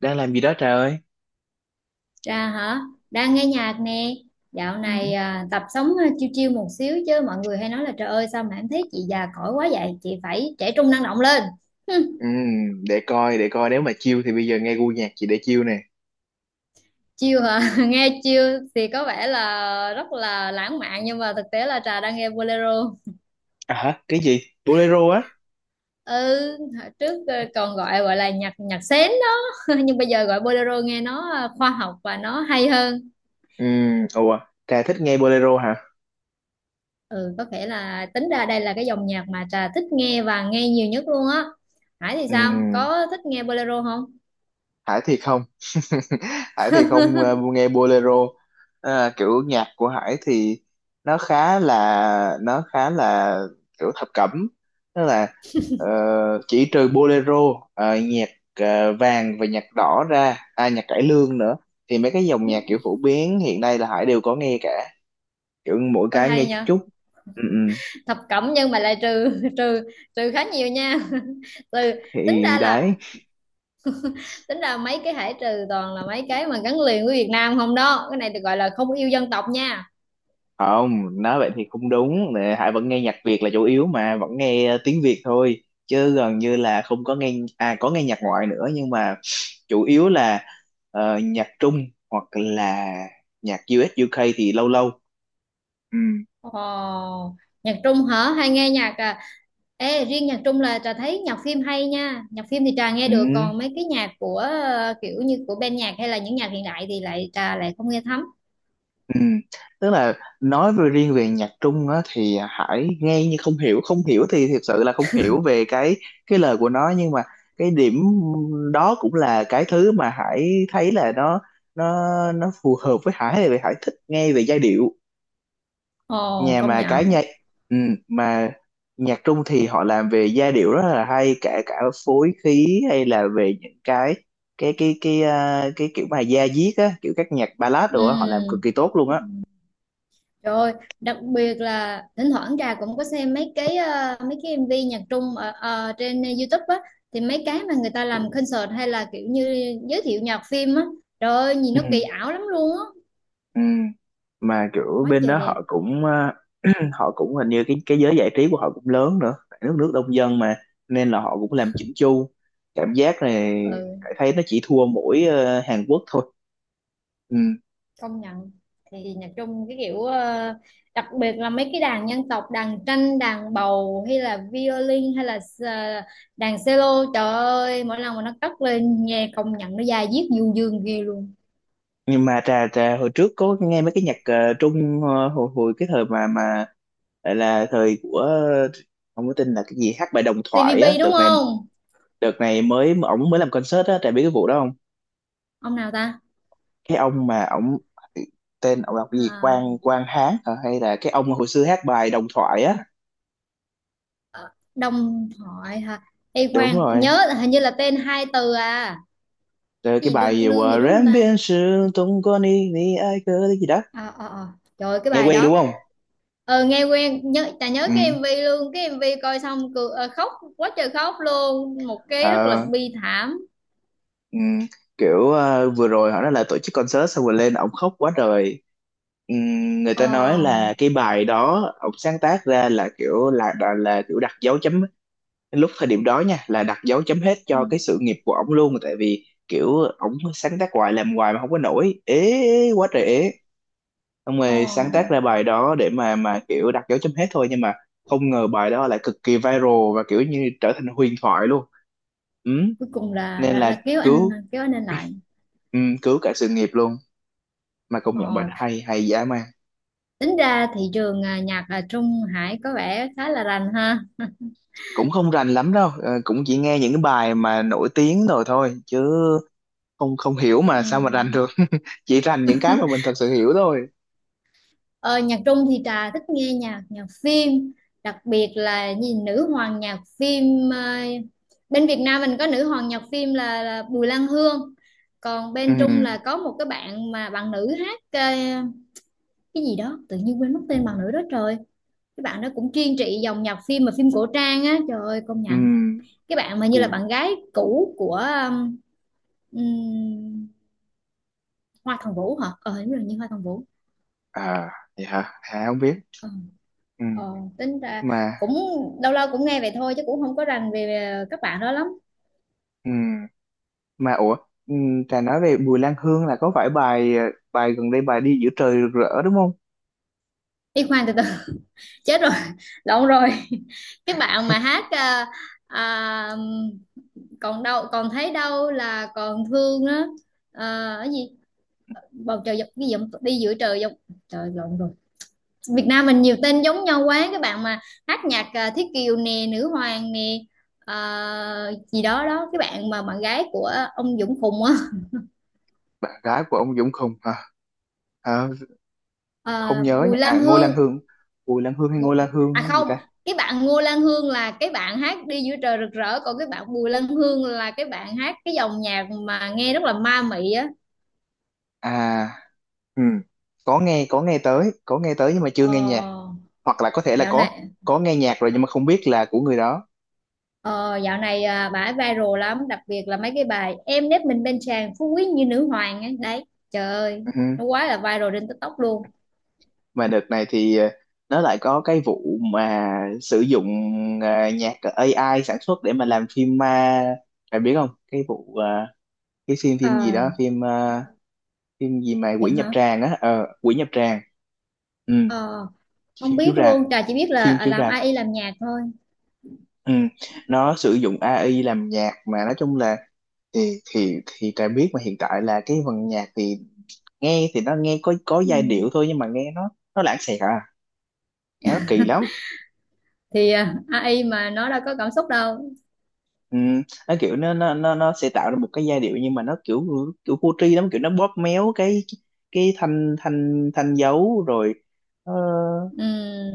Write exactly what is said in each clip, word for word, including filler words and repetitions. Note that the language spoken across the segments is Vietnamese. Đang làm gì đó trời ơi. Trà hả? Đang nghe nhạc nè. Dạo Ừ. này à, tập sống à, chiêu chiêu một xíu chứ mọi người hay nói là trời ơi, sao mà em thấy chị già cỗi quá vậy? Chị phải trẻ trung năng động lên. Hừm, Ừ. để coi để coi nếu mà chill thì bây giờ nghe gu nhạc chị để chill nè. chiêu hả? Nghe chiêu thì có vẻ là rất là lãng mạn nhưng mà thực tế là Trà đang nghe bolero. À hả, cái gì bolero á? Ừ, hồi trước à, còn gọi gọi là nhạc nhạc sến đó. Nhưng bây giờ gọi bolero nghe nó à, khoa học và nó hay hơn. Ừ. Ủa, trà thích nghe bolero hả? Ừ, có thể là tính ra đây là cái dòng nhạc mà Trà thích nghe và nghe nhiều nhất luôn á. Hải thì Ừ. sao, có thích nghe bolero không? Phải thiệt không? Hải thì không ờ, nghe bolero. À, kiểu nhạc của Hải thì nó khá là nó khá là kiểu thập cẩm. Tức là ờ, chỉ trừ bolero, ờ, nhạc ờ, vàng và nhạc đỏ ra, à, nhạc cải lương nữa. Thì mấy cái dòng nhạc kiểu Ừ. phổ biến hiện nay là Hải đều có nghe cả, kiểu mỗi Ôi cái nghe hay chút nhờ. chút. Ừ, ừ. Thập cẩm nhưng mà lại trừ, trừ trừ khá nhiều nha. từ tính Thì ra là đấy. tính ra mấy cái Hải trừ toàn là mấy cái mà gắn liền với Việt Nam không đó, cái này được gọi là không yêu dân tộc nha. Không, nói vậy thì không đúng. Nè, Hải vẫn nghe nhạc Việt là chủ yếu mà, vẫn nghe tiếng Việt thôi chứ gần như là không có nghe, à, có nghe nhạc ngoại nữa nhưng mà chủ yếu là ờ, nhạc Trung hoặc là nhạc u ét u ca thì lâu lâu. Ừ. Ồ, nhạc Trung hả? Hay nghe nhạc à? Ê, riêng nhạc Trung là Trà thấy nhạc phim hay nha. Nhạc phim thì Trà nghe Ừ. được, còn mấy cái nhạc của ờ, kiểu như của ban nhạc hay là những nhạc hiện đại thì lại Trà lại không nghe thấm. Ừ. Tức là nói về riêng về nhạc Trung á, thì Hải nghe như không hiểu không hiểu, thì thực sự là không hiểu về cái cái lời của nó nhưng mà cái điểm đó cũng là cái thứ mà Hải thấy là nó nó nó phù hợp với Hải vì Hải thích nghe về giai điệu. Ồ, Nhà công mà cái nhận. nhạc, ừ, mà nhạc Trung thì họ làm về giai điệu rất là hay, cả cả phối khí hay là về những cái cái cái cái à, cái kiểu mà da diết á, kiểu các nhạc ballad rồi á, họ làm cực Ừ. kỳ tốt luôn á. Rồi, đặc biệt là thỉnh thoảng Trà cũng có xem mấy cái ờ, mấy cái em vê nhạc Trung ở ở trên YouTube á, thì mấy cái mà người ta làm concert hay là kiểu như giới thiệu nhạc phim á. Trời ơi, nhìn Ừ. nó kỳ ảo lắm luôn á. Ừ. Mà kiểu Quá bên trời đó đẹp. họ cũng ờ, họ cũng hình như cái cái giới giải trí của họ cũng lớn nữa, tại nước nước đông dân mà, nên là họ cũng làm chỉnh chu, cảm giác này Ừ, Hải thấy nó chỉ thua mỗi ờ, Hàn Quốc thôi. Ừ. công nhận. Thì nhạc Trung cái kiểu ờ, đặc biệt là mấy cái đàn dân tộc, đàn tranh, đàn bầu, hay là violin, hay là s- đàn cello, trời ơi mỗi lần mà nó cất lên nghe công nhận nó da diết du dương ghê luôn. Nhưng mà trà trà hồi trước có nghe mấy cái nhạc ờ, Trung, ờ, hồi hồi cái thời mà mà lại là thời của ờ, không có tin là cái gì hát bài Đồng Thoại tê vê bê á, đúng đợt này không? đợt này mới ổng mới làm concert á, Trà biết cái vụ đó. Ông nào ta? Cái ông mà ổng, tên ổng đọc cái gì À, Quang Quang Hán hả? Hay là cái ông hồi xưa hát bài Đồng Thoại á? ờ, Đông Thoại hả? Ê Đúng khoan, rồi. nhớ là hình như là tên hai từ à. Rồi cái Cái gì bài lương gì lương Quả gì đúng không rèm ta? biên sự tung con đi ni ai cơ cái gì đó. À, à, à, trời ơi, cái Nghe bài quen đúng đó. không? ờ Nghe quen, nhớ chả nhớ, Ừ. cái em vê luôn, cái em vê coi xong cười, ờ, khóc quá trời khóc luôn, một cái rất là Ờ. bi thảm. Ừ. Kiểu ờ, vừa rồi họ nói là tổ chức concert xong rồi lên ổng khóc quá trời. Ừ. Người ta nói ờ là cái bài đó ổng sáng tác ra là kiểu là là, là kiểu đặt dấu chấm, lúc thời điểm đó nha, là đặt dấu chấm hết ừ, cho cái sự nghiệp của ổng luôn, tại vì kiểu ổng sáng tác hoài làm hoài mà không có nổi, ế quá trời ế. Xong ờ rồi sáng tác ra bài đó để mà mà kiểu đặt dấu chấm hết thôi, nhưng mà không ngờ bài đó lại cực kỳ viral và kiểu như trở thành huyền thoại luôn. Ừ, cuối cùng là nên đã, đã là kéo anh cứu, kéo anh lên lại. ừ, cứu cả sự nghiệp luôn. Mà công nhận bài ờ đó hay, hay dã man. Tính ra thị trường à, nhạc ở Trung Hải có vẻ khá là rành ha. Cũng không rành lắm đâu, ờ, cũng chỉ nghe những cái bài mà nổi tiếng rồi thôi chứ không không hiểu mà sao mà Ừ. rành được chỉ rành những cái mà mình thật sự hiểu thôi. Ờ, nhạc Trung thì Trà thích nghe nhạc nhạc phim, đặc biệt là gì nữ hoàng nhạc phim. ờ, Bên Việt Nam mình có nữ hoàng nhạc phim là, là Bùi Lan Hương, còn Ừ. bên Trung là có một cái bạn mà bạn nữ hát ờ, cái gì đó tự nhiên quên mất tên bạn nữ đó, trời. Cái bạn đó cũng chuyên trị dòng nhạc phim mà phim cổ trang á, trời ơi công Ừ. nhận. Cái bạn mà như là Bùi. bạn gái cũ của um, um, Hoa Thần Vũ hả, ờ hình như là như Hoa Thần Vũ. À, vậy hả? Hà không biết. Ờ. Ừ. Ờ, tính ra Mà cũng lâu lâu cũng nghe vậy thôi chứ cũng không có rành về về các bạn đó lắm. ừ, mà ủa, ừ, Trà nói về Bùi Lan Hương là có phải bài ờ, bài gần đây, bài Đi Giữa Trời Rực Rỡ đúng không? Đi khoan từ từ, chết rồi, lộn rồi. Cái bạn mà hát à, à, còn đâu, còn thấy đâu là còn thương đó, à, cái gì bầu trời dọc, cái dòng đi giữa trời dọc, trời lộn rồi. Việt Nam mình nhiều tên giống nhau quá. Cái bạn mà hát nhạc à, Thiết Kiều nè, Nữ Hoàng nè, à, gì đó đó, cái bạn mà bạn gái của ông Dũng Phùng á. Bạn gái của ông Dũng Khùng hả? À, không À, nhớ Bùi nha, Lan à, Ngô Lan Hương. Hương. Bùi Lan Hương hay Ngô Ngô- Lan Hương À hay gì không, ta? cái bạn Ngô Lan Hương là cái bạn hát đi giữa trời rực rỡ, còn cái bạn Bùi Lan Hương là cái bạn hát cái dòng nhạc mà nghe rất là ma mị á. À. Ừ. có nghe có nghe tới có nghe tới nhưng mà chưa nghe nhạc, ờ, hoặc là có thể là dạo có này có nghe nhạc rồi nhưng mà không biết là của người đó. ờ, Dạo này à, bà ấy viral lắm, đặc biệt là mấy cái bài em nép mình bên chàng phú quý như nữ hoàng ấy. Đấy trời ơi, Ừ. nó quá là viral trên TikTok luôn. Mà đợt này thì ờ, nó lại có cái vụ mà sử dụng ờ, nhạc a i sản xuất để mà làm phim ma. Bạn biết không, cái vụ ờ, cái phim phim gì ờ đó, phim ờ, phim gì mà dạ Quỷ Nhập hả? Tràng á, ờ Quỷ Nhập Tràng. Ừ. ờ Không Phim biết chiếu rạp, luôn, Trà chỉ biết là phim à, chiếu làm rạp. a i làm nhạc thôi. Ừ. Nó sử dụng a i làm nhạc, mà nói chung là thì thì thì ta biết mà, hiện tại là cái phần nhạc thì nghe thì nó nghe có có Ừ. giai điệu thôi nhưng mà nghe nó nó lãng xẹt à, nghe nó kỳ lắm. Thì à, a i mà nó đâu có cảm xúc đâu. Ừ, nó kiểu nó, nó nó nó sẽ tạo ra một cái giai điệu nhưng mà nó kiểu kiểu vô tri lắm, kiểu nó bóp méo cái cái thanh thanh thanh dấu rồi ờ,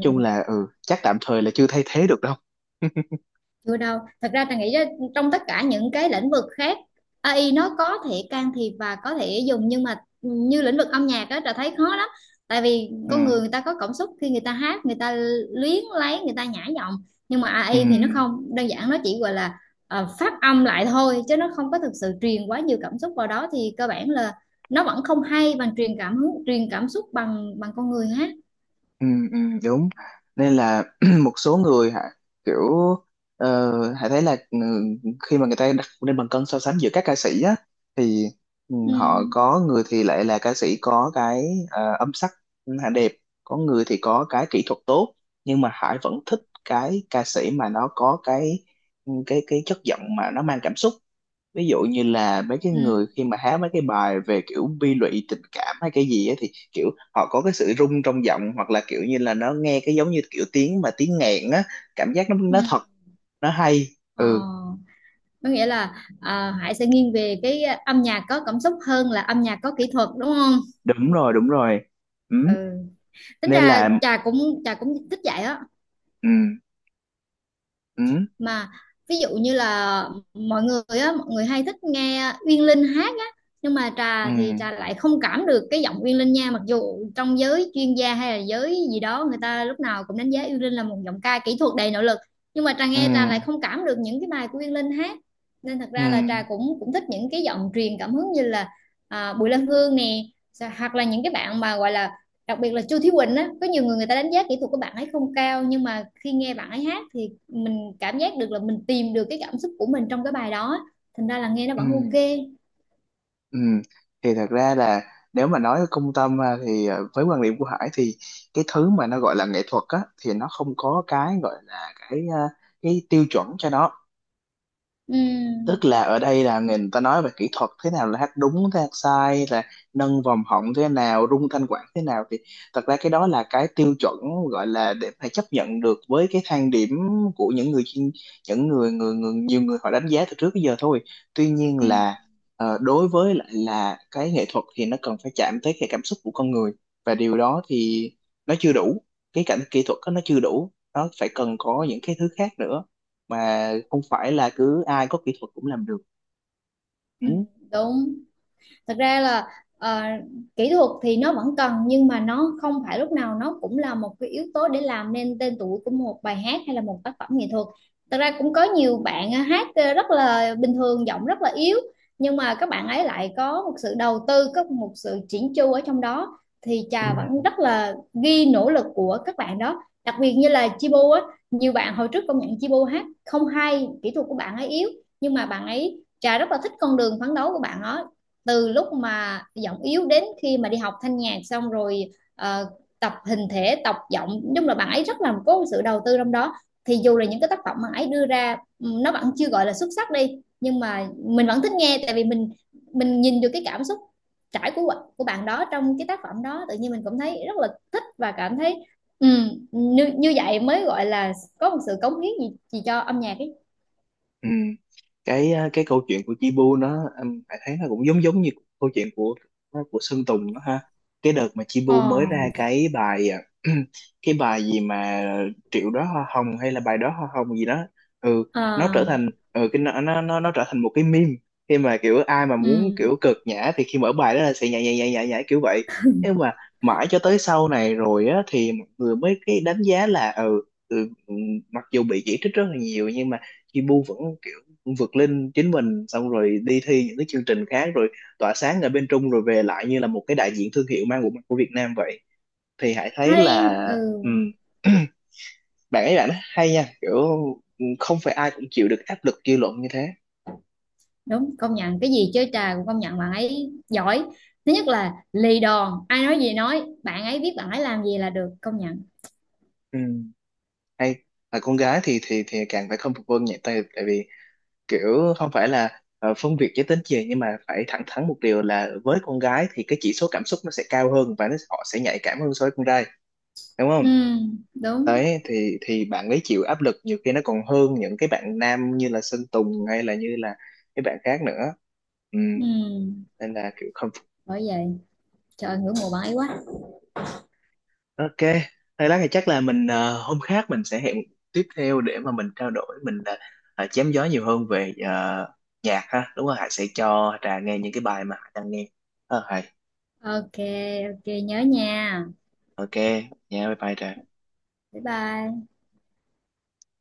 chung là, ừ, chắc tạm thời là chưa thay thế được đâu. Chưa đâu, thật ra Trà nghĩ á, trong tất cả những cái lĩnh vực khác a i nó có thể can thiệp và có thể dùng nhưng mà như lĩnh vực âm nhạc đó Trà thấy khó lắm, tại vì Ừ, con người, người ta có cảm xúc khi người ta hát, người ta luyến lấy, người ta nhả giọng, nhưng mà ừ. a i thì nó không đơn giản, nó chỉ gọi là ờ, phát âm lại thôi chứ nó không có thực sự truyền quá nhiều cảm xúc vào đó, thì cơ bản là nó vẫn không hay bằng truyền cảm hứng truyền cảm xúc bằng bằng con người hát. Ừ, ừ, đúng. Nên là một số người hả, kiểu uh, hãy thấy là, ừ, khi mà người ta đặt lên bàn cân so sánh giữa các ca sĩ á, thì ừ, Ừ, họ có người thì lại là ca sĩ có cái ờ, âm sắc, ừ, hả, đẹp, có người thì có cái kỹ thuật tốt, nhưng mà Hải vẫn thích cái ca sĩ mà nó có cái, ừ, cái cái chất giọng mà nó mang cảm xúc. Ví dụ như là mấy cái ừ, người khi mà hát mấy cái bài về kiểu bi lụy tình cảm hay cái gì á thì kiểu họ có cái sự rung trong giọng hoặc là kiểu như là nó nghe cái giống như kiểu tiếng mà tiếng nghẹn á, cảm giác nó ừ. nó thật, nó hay. Ờ, Ừ. có nghĩa là à, Hải sẽ nghiêng về cái âm nhạc có cảm xúc hơn là âm nhạc có kỹ thuật đúng không? Đúng rồi, đúng rồi. Ừ. Ừ. Tính Nên ra là Trà cũng Trà cũng thích vậy á. ừ, ừ, Mà ví dụ như là mọi người á mọi người hay thích nghe Uyên Linh hát á, nhưng mà ừ, Trà thì Trà lại không cảm được cái giọng Uyên Linh nha, mặc dù trong giới chuyên gia hay là giới gì đó người ta lúc nào cũng đánh giá Uyên Linh là một giọng ca kỹ thuật đầy nội lực, nhưng mà Trà ừ, nghe Trà lại không cảm được những cái bài của Uyên Linh hát. Nên thật ừ, ra là Trà cũng cũng thích những cái giọng truyền cảm hứng như là à, Bùi Lan Hương nè, hoặc là những cái bạn mà gọi là, đặc biệt là Chu Thí Quỳnh á, có nhiều người, người ta đánh giá kỹ thuật của bạn ấy không cao, nhưng mà khi nghe bạn ấy hát thì mình cảm giác được là mình tìm được cái cảm xúc của mình trong cái bài đó, thành ra là nghe nó ừ. vẫn ok. Ừ. Thì thật ra là nếu mà nói công tâm, à, thì à, với quan điểm của Hải thì cái thứ mà nó gọi là nghệ thuật á thì nó không có cái gọi là cái, à, cái tiêu chuẩn cho nó. Ừ, Tức là ở đây là người ta nói về kỹ thuật thế nào là hát đúng thế hát sai, là nâng vòng họng thế nào, rung thanh quản thế nào, thì thật ra cái đó là cái tiêu chuẩn, gọi là để phải chấp nhận được với cái thang điểm của những người chuyên, những người người người nhiều người họ đánh giá từ trước tới giờ thôi. Tuy nhiên ừ, là ờ, đối với lại là cái nghệ thuật thì nó cần phải chạm tới cái cảm xúc của con người, và điều đó thì nó chưa đủ, cái cảnh kỹ thuật đó nó chưa đủ, nó phải cần có những cái thứ khác nữa mà không phải là cứ ai có kỹ thuật cũng làm được. ừ, Ừ. đúng. Thật ra là ờ, kỹ thuật thì nó vẫn cần nhưng mà nó không phải lúc nào nó cũng là một cái yếu tố để làm nên tên tuổi của một bài hát hay là một tác phẩm nghệ thuật. Thật ra cũng có nhiều bạn ờ, hát ờ, rất là bình thường, giọng rất là yếu, nhưng mà các bạn ấy lại có một sự đầu tư, có một sự chỉn chu ở trong đó, thì Ừ. Trà vẫn rất là ghi nỗ lực của các bạn đó, đặc biệt như là Chibu á. Nhiều bạn hồi trước công nhận Chibu hát không hay, kỹ thuật của bạn ấy yếu, nhưng mà bạn ấy, Trà rất là thích con đường phấn đấu của bạn đó, từ lúc mà giọng yếu đến khi mà đi học thanh nhạc xong rồi ờ, tập hình thể, tập giọng, nói chung là bạn ấy rất là có sự đầu tư trong đó, thì dù là những cái tác phẩm mà ấy đưa ra ừ, nó vẫn chưa gọi là xuất sắc đi nhưng mà mình vẫn thích nghe, tại vì mình mình nhìn được cái cảm xúc trải của của bạn đó trong cái tác phẩm đó, tự nhiên mình cũng thấy rất là thích và cảm thấy, ừm, như như vậy mới gọi là có một sự cống hiến gì, gì cho âm nhạc ấy. Ừ. Cái ờ, cái câu chuyện của Chi Bu, nó em phải thấy nó cũng giống giống như câu chuyện của ờ, của Sơn Tùng đó ha. Cái đợt mà Chi Bu ờ mới ra cái bài ờ, cái bài gì mà triệu đó hoa hồng hay là bài đó hoa hồng gì đó. Ừ, nó ờ trở thành, ừ, cái nó nó nó nó trở thành một cái meme, khi mà kiểu ai mà muốn ừm, kiểu cực nhã thì khi mở bài đó là sẽ nhảy nhảy nhảy nhảy nhảy kiểu vậy. Nhưng mà mãi cho tới sau này rồi á thì mọi người mới cái đánh giá là, ừ, ừ, mặc dù bị chỉ trích rất là nhiều nhưng mà Chi bu vẫn kiểu vượt lên chính mình, xong rồi đi thi những cái chương trình khác, rồi tỏa sáng ở bên Trung, rồi về lại như là một cái đại diện thương hiệu mang bộ mặt của Việt Nam vậy, thì Hải thấy Hay. là Ừ, ừm, bạn ấy bạn ấy hay nha, kiểu không phải ai cũng chịu được áp lực dư luận như thế. đúng, công nhận. Cái gì chơi Trà cũng công nhận bạn ấy giỏi. Thứ nhất là lì đòn, ai nói gì nói, bạn ấy biết bạn ấy làm gì là được, công nhận. Ừm, hay. Là con gái thì thì thì càng phải không phục vân nhẹ tay, tại vì kiểu không phải là ờ, phân biệt giới tính gì nhưng mà phải thẳng thắn một điều là với con gái thì cái chỉ số cảm xúc nó sẽ cao hơn và nó họ sẽ nhạy cảm hơn so với con trai, đúng Ừ, không? đúng. Đấy thì thì bạn ấy chịu áp lực nhiều khi nó còn hơn những cái bạn nam như là Sơn Tùng hay là như là cái bạn khác nữa, ừ, Ừ, nên là kiểu không phục. bởi vậy trời, ngưỡng mộ bạn ấy quá. OK, thôi lát thì chắc là mình ờ, hôm khác mình sẽ hẹn tiếp theo để mà mình trao đổi, mình ờ, ờ, chém gió nhiều hơn về ờ, nhạc ha, đúng không? Hải sẽ cho Trà nghe những cái bài mà Hải đang nghe. Ờ, Hải. Ok. Ok nhớ nha. OK. Nha, bye bye Trà. Bye bye.